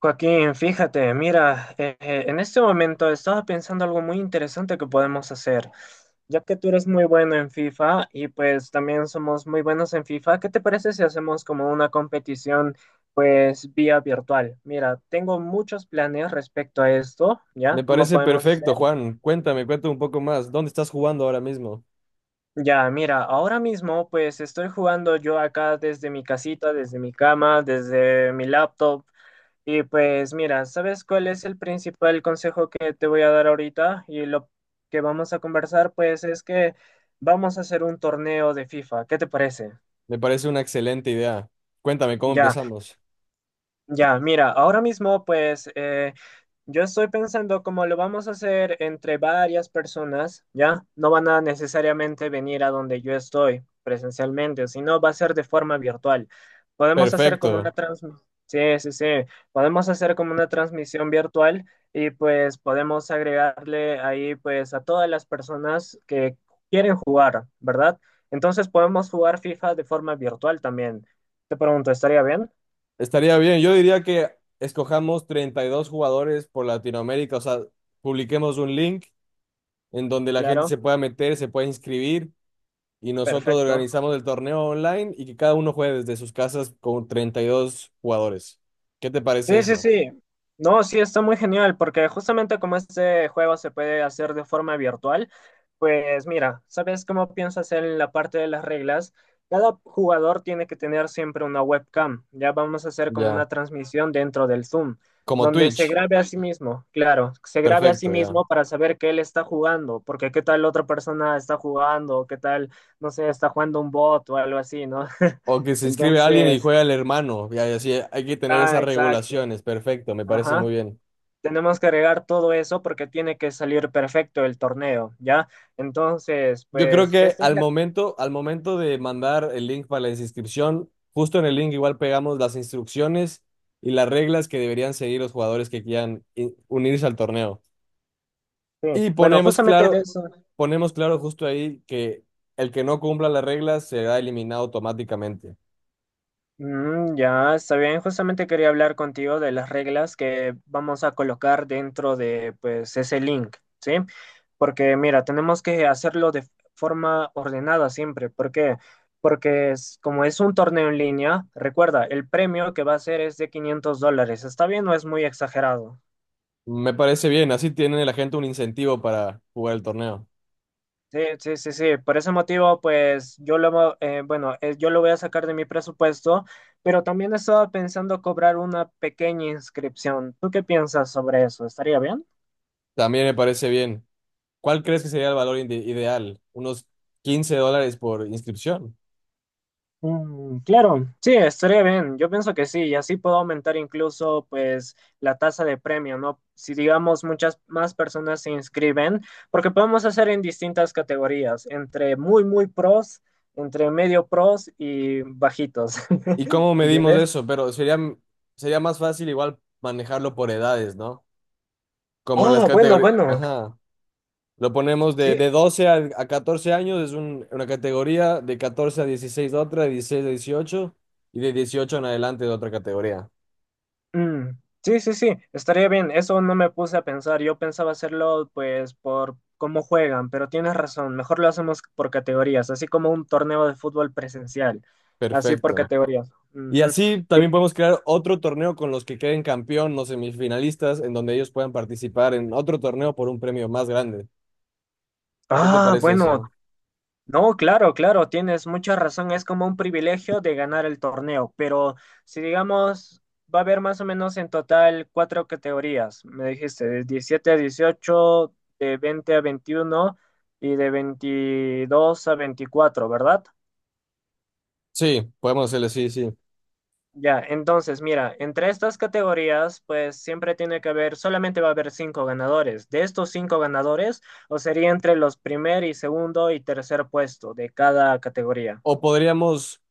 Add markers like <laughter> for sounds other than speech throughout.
Joaquín, fíjate, mira, en este momento estaba pensando algo muy interesante que podemos hacer. Ya que tú eres muy bueno en FIFA y pues también somos muy buenos en FIFA, ¿qué te parece si hacemos como una competición pues vía virtual? Mira, tengo muchos planes respecto a esto, ¿ya? Me ¿Cómo parece podemos hacer? perfecto, Juan. Cuéntame, cuéntame un poco más. ¿Dónde estás jugando ahora mismo? Ya, mira, ahora mismo pues estoy jugando yo acá desde mi casita, desde mi cama, desde mi laptop. Y pues mira, ¿sabes cuál es el principal consejo que te voy a dar ahorita? Y lo que vamos a conversar, pues es que vamos a hacer un torneo de FIFA. ¿Qué te parece? Me parece una excelente idea. Cuéntame cómo Ya. empezamos. Ya, mira, ahora mismo pues yo estoy pensando como lo vamos a hacer entre varias personas, ¿ya? No van a necesariamente venir a donde yo estoy presencialmente, sino va a ser de forma virtual. Podemos hacer como una Perfecto. transmisión, sí, sí, sí, podemos hacer como una transmisión virtual y pues podemos agregarle ahí pues a todas las personas que quieren jugar, ¿verdad? Entonces podemos jugar FIFA de forma virtual también. Te pregunto, ¿estaría bien? Estaría bien. Yo diría que escojamos 32 jugadores por Latinoamérica. O sea, publiquemos un link en donde la gente Claro. se pueda meter, se pueda inscribir y nosotros Perfecto. organizamos el torneo online y que cada uno juegue desde sus casas con 32 jugadores. ¿Qué te parece Sí, sí, eso? sí. No, sí, está muy genial, porque justamente como este juego se puede hacer de forma virtual, pues mira, ¿sabes cómo pienso hacer en la parte de las reglas? Cada jugador tiene que tener siempre una webcam. Ya vamos a hacer como Ya. una transmisión dentro del Zoom, Como donde se Twitch. grabe a sí mismo, claro, se grabe a sí Perfecto, ya. mismo para saber que él está jugando, porque qué tal otra persona está jugando, qué tal, no sé, está jugando un bot o algo así, ¿no? <laughs> O que se inscribe alguien y Entonces, juega el hermano. Y así hay que tener ah, esas exacto, regulaciones. Perfecto, me parece ajá. muy bien. Tenemos que agregar todo eso porque tiene que salir perfecto el torneo, ¿ya? Entonces, Yo creo pues, que esta es al la... momento, al momento de mandar el link para la inscripción, justo en el link igual pegamos las instrucciones y las reglas que deberían seguir los jugadores que quieran unirse al torneo. Sí. Y Bueno, ponemos justamente de claro, eso, ponemos claro justo ahí que el que no cumpla las reglas será eliminado automáticamente. mm, ya está bien, justamente quería hablar contigo de las reglas que vamos a colocar dentro de, pues, ese link, ¿sí? Porque, mira, tenemos que hacerlo de forma ordenada siempre, ¿por qué? Porque es, como es un torneo en línea, recuerda, el premio que va a ser es de $500, ¿está bien o es muy exagerado? Me parece bien, así tiene la gente un incentivo para jugar el torneo. Sí, sí, sí, sí. Por ese motivo, pues yo lo voy a sacar de mi presupuesto, pero también estaba pensando cobrar una pequeña inscripción. ¿Tú qué piensas sobre eso? ¿Estaría bien? También me parece bien. ¿Cuál crees que sería el valor ideal? Unos 15 dólares por inscripción. Mm, claro, sí, estaría bien. Yo pienso que sí, y así puedo aumentar incluso, pues, la tasa de premio, ¿no? Si digamos muchas más personas se inscriben, porque podemos hacer en distintas categorías, entre muy, muy pros, entre medio pros y bajitos, ¿Y cómo <laughs> medimos ¿entiendes? eso? Pero sería más fácil igual manejarlo por edades, ¿no? Como en las Ah, bueno, categorías. bueno, Ajá. Lo ponemos de, sí, de 12 a 14 años, es una categoría, de 14 a 16 otra, de 16 a 18 y de 18 en adelante de otra categoría. mm, sí, sí, sí, estaría bien. Eso no me puse a pensar. Yo pensaba hacerlo, pues, por cómo juegan, pero tienes razón. Mejor lo hacemos por categorías, así como un torneo de fútbol presencial, así por Perfecto. categorías. Y Ujú, así sí. también podemos crear otro torneo con los que queden campeón, los semifinalistas, en donde ellos puedan participar en otro torneo por un premio más grande. ¿Qué te Ah, parece bueno, eso? no, claro, claro, tienes mucha razón. Es como un privilegio de ganar el torneo, pero si digamos, va a haber más o menos en total cuatro categorías. Me dijiste, de 17 a 18, de 20 a 21 y de 22 a 24, ¿verdad? Sí, podemos hacerle, sí, sí. Ya, entonces, mira, entre estas categorías, pues siempre tiene que haber, solamente va a haber cinco ganadores. De estos cinco ganadores, o sería entre los primer y segundo y tercer puesto de cada categoría. O podríamos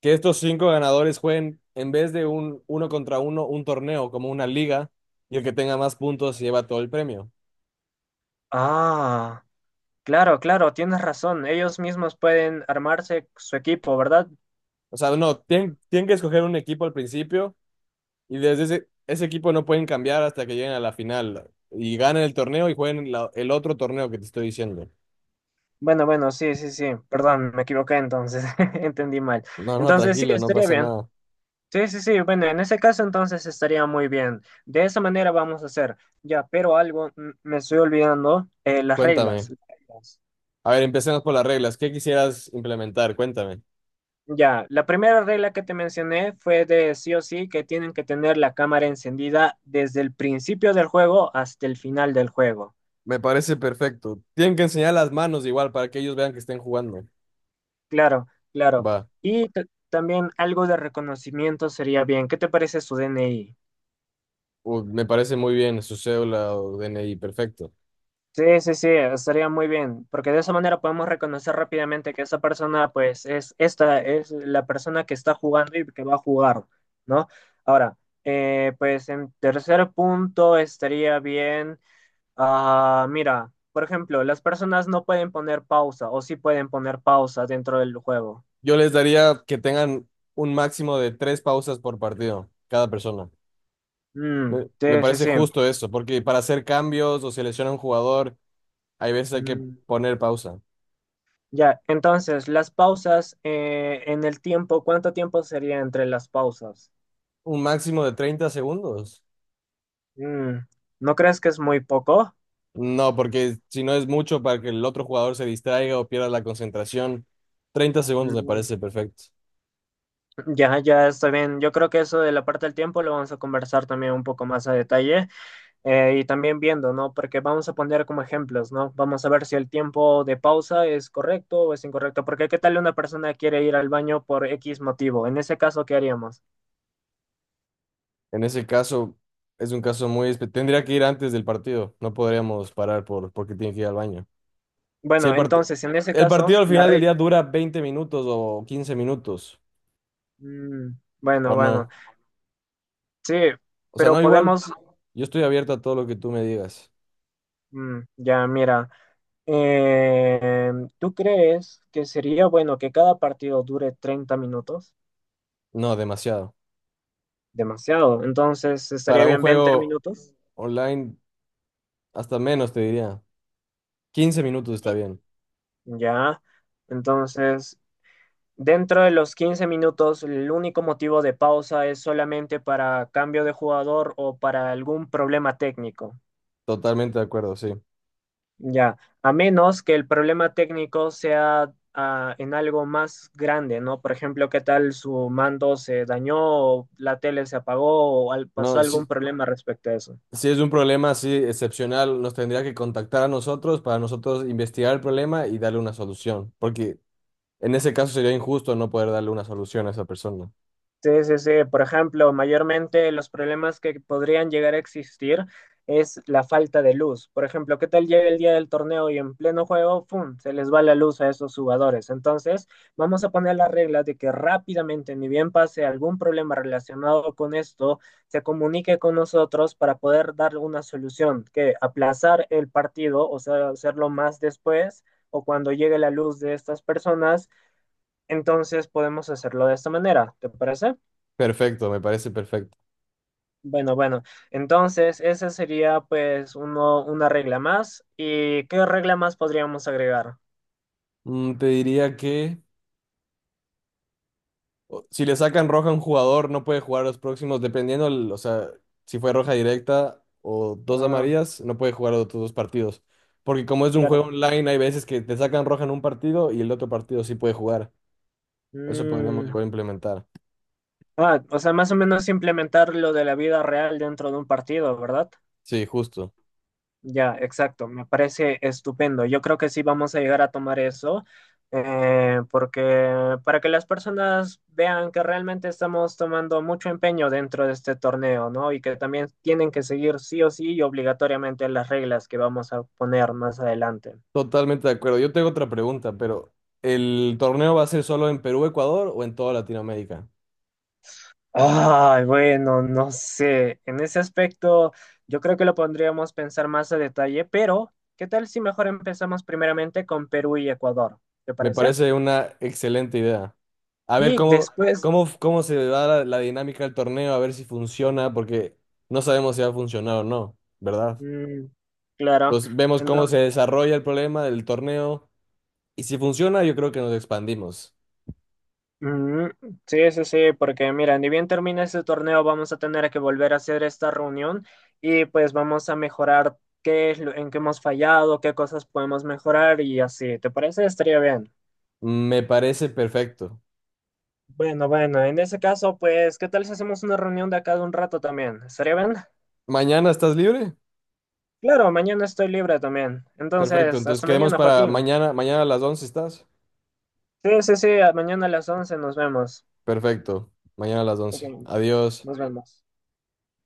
que estos cinco ganadores jueguen en vez de un uno contra uno, un torneo, como una liga, y el que tenga más puntos lleva todo el premio. Ah. Claro, claro, tienes razón. Ellos mismos pueden armarse su equipo, ¿verdad? O sea, no, tienen, tienen que escoger un equipo al principio y desde ese equipo no pueden cambiar hasta que lleguen a la final y ganen el torneo y jueguen el otro torneo que te estoy diciendo. Bueno, bueno, sí, sí, sí. Perdón, me equivoqué entonces. <laughs> Entendí mal. No, no, Entonces, sí, tranquilo, no estaría pasa bien. nada. Sí, sí, sí. Bueno, en ese caso entonces estaría muy bien. De esa manera vamos a hacer. Ya, pero algo mm, me estoy olvidando. Las reglas. Cuéntame. Reglas. A ver, empecemos por las reglas. ¿Qué quisieras implementar? Cuéntame. Ya, la primera regla que te mencioné fue de sí o sí que tienen que tener la cámara encendida desde el principio del juego hasta el final del juego. Me parece perfecto. Tienen que enseñar las manos igual para que ellos vean que estén jugando. Claro, claro. Va. Y ta- También algo de reconocimiento sería bien. ¿Qué te parece su DNI? Me parece muy bien su cédula o DNI. Perfecto. Sí, sí, sí, estaría muy bien, porque de esa manera podemos reconocer rápidamente que esa persona, pues, es esta, es la persona que está jugando y que va a jugar, ¿no? Ahora, pues en tercer punto estaría bien, ah, mira, por ejemplo, las personas no pueden poner pausa o sí pueden poner pausa dentro del juego. Yo les daría que tengan un máximo de tres pausas por partido, cada persona. Mm, Me sí, sí, parece sí. justo eso, porque para hacer cambios o seleccionar un jugador, hay veces hay que Mm, poner pausa. ya, entonces, las pausas en el tiempo, ¿cuánto tiempo sería entre las pausas? Un máximo de 30 segundos. Mm, ¿no crees que es muy poco? No, porque si no es mucho para que el otro jugador se distraiga o pierda la concentración, 30 segundos me Mm, parece perfecto. ya, ya está bien. Yo creo que eso de la parte del tiempo lo vamos a conversar también un poco más a detalle y también viendo, ¿no? Porque vamos a poner como ejemplos, ¿no? Vamos a ver si el tiempo de pausa es correcto o es incorrecto. Porque ¿qué tal una persona quiere ir al baño por X motivo? En ese caso, ¿qué haríamos? En ese caso, es un caso muy espe- Tendría que ir antes del partido. No podríamos parar por, porque tiene que ir al baño. Si Bueno, entonces, en ese el partido caso, al la final del re... día dura 20 minutos o 15 minutos, Mm, bueno, o bueno. no. Sí, O sea, pero no igual. podemos, Yo estoy abierto a todo lo que tú me digas. mm, ya mira, eh, ¿tú crees que sería bueno que cada partido dure 30 minutos? No, demasiado. Demasiado, entonces estaría Para un bien 20 juego minutos, online, hasta menos te diría. 15 minutos está bien. ya. Entonces, dentro de los 15 minutos, el único motivo de pausa es solamente para cambio de jugador o para algún problema técnico. Totalmente de acuerdo, sí. Ya, a menos que el problema técnico sea ah, en algo más grande, ¿no? Por ejemplo, ¿qué tal su mando se dañó o la tele se apagó o pasó No, algún si, problema respecto a eso? si es un problema así excepcional, nos tendría que contactar a nosotros para nosotros investigar el problema y darle una solución. Porque en ese caso sería injusto no poder darle una solución a esa persona. Sí, sí, sí. Por ejemplo, mayormente los problemas que podrían llegar a existir es la falta de luz. Por ejemplo, ¿qué tal llega el día del torneo y en pleno juego, ¡pum!, se les va la luz a esos jugadores. Entonces, vamos a poner la regla de que rápidamente, ni bien pase algún problema relacionado con esto, se comunique con nosotros para poder dar una solución, que aplazar el partido, o sea, hacerlo más después o cuando llegue la luz de estas personas, entonces podemos hacerlo de esta manera. ¿Te parece? Perfecto, me parece perfecto. Bueno, bueno, entonces esa sería pues uno, una regla más. ¿Y qué regla más podríamos agregar? Te diría que si le sacan roja a un jugador, no puede jugar los próximos, dependiendo, o sea, si fue roja directa o dos Ah, amarillas, no puede jugar los otros dos partidos. Porque como es un claro. juego online, hay veces que te sacan roja en un partido y el otro partido sí puede jugar. Eso podríamos Mm, igual implementar. ah, o sea, más o menos implementar lo de la vida real dentro de un partido, ¿verdad? Sí, justo. Ya, exacto, me parece estupendo. Yo creo que sí vamos a llegar a tomar eso, porque para que las personas vean que realmente estamos tomando mucho empeño dentro de este torneo, ¿no? Y que también tienen que seguir sí o sí y obligatoriamente las reglas que vamos a poner más adelante. Totalmente de acuerdo. Yo tengo otra pregunta, pero ¿el torneo va a ser solo en Perú, Ecuador o en toda Latinoamérica? Ay, bueno, no sé. En ese aspecto, yo creo que lo podríamos pensar más a detalle, pero ¿qué tal si mejor empezamos primeramente con Perú y Ecuador? ¿Te Me parece? parece una excelente idea. A ver Y cómo, después, cómo, cómo se da la dinámica del torneo, a ver si funciona, porque no sabemos si va a funcionar o no, ¿verdad? mm, claro. Entonces vemos cómo Entonces, se desarrolla el problema del torneo y si funciona, yo creo que nos expandimos. mm, sí, sí, sí, porque mira, ni bien termina este torneo, vamos a tener que volver a hacer esta reunión y pues vamos a mejorar qué es lo, en qué hemos fallado, qué cosas podemos mejorar y así. ¿Te parece? Estaría bien. Me parece perfecto. Bueno, bueno, en ese caso, pues, ¿qué tal si hacemos una reunión de acá de un rato también? ¿Estaría bien? ¿Mañana estás libre? Claro, mañana estoy libre también. Perfecto, Entonces, entonces hasta quedemos mañana, para Joaquín. mañana, mañana a las 11 estás. Sí, sí, sí, mañana a las 11 nos vemos. Perfecto, mañana a las Ok, once. Adiós. nos vemos.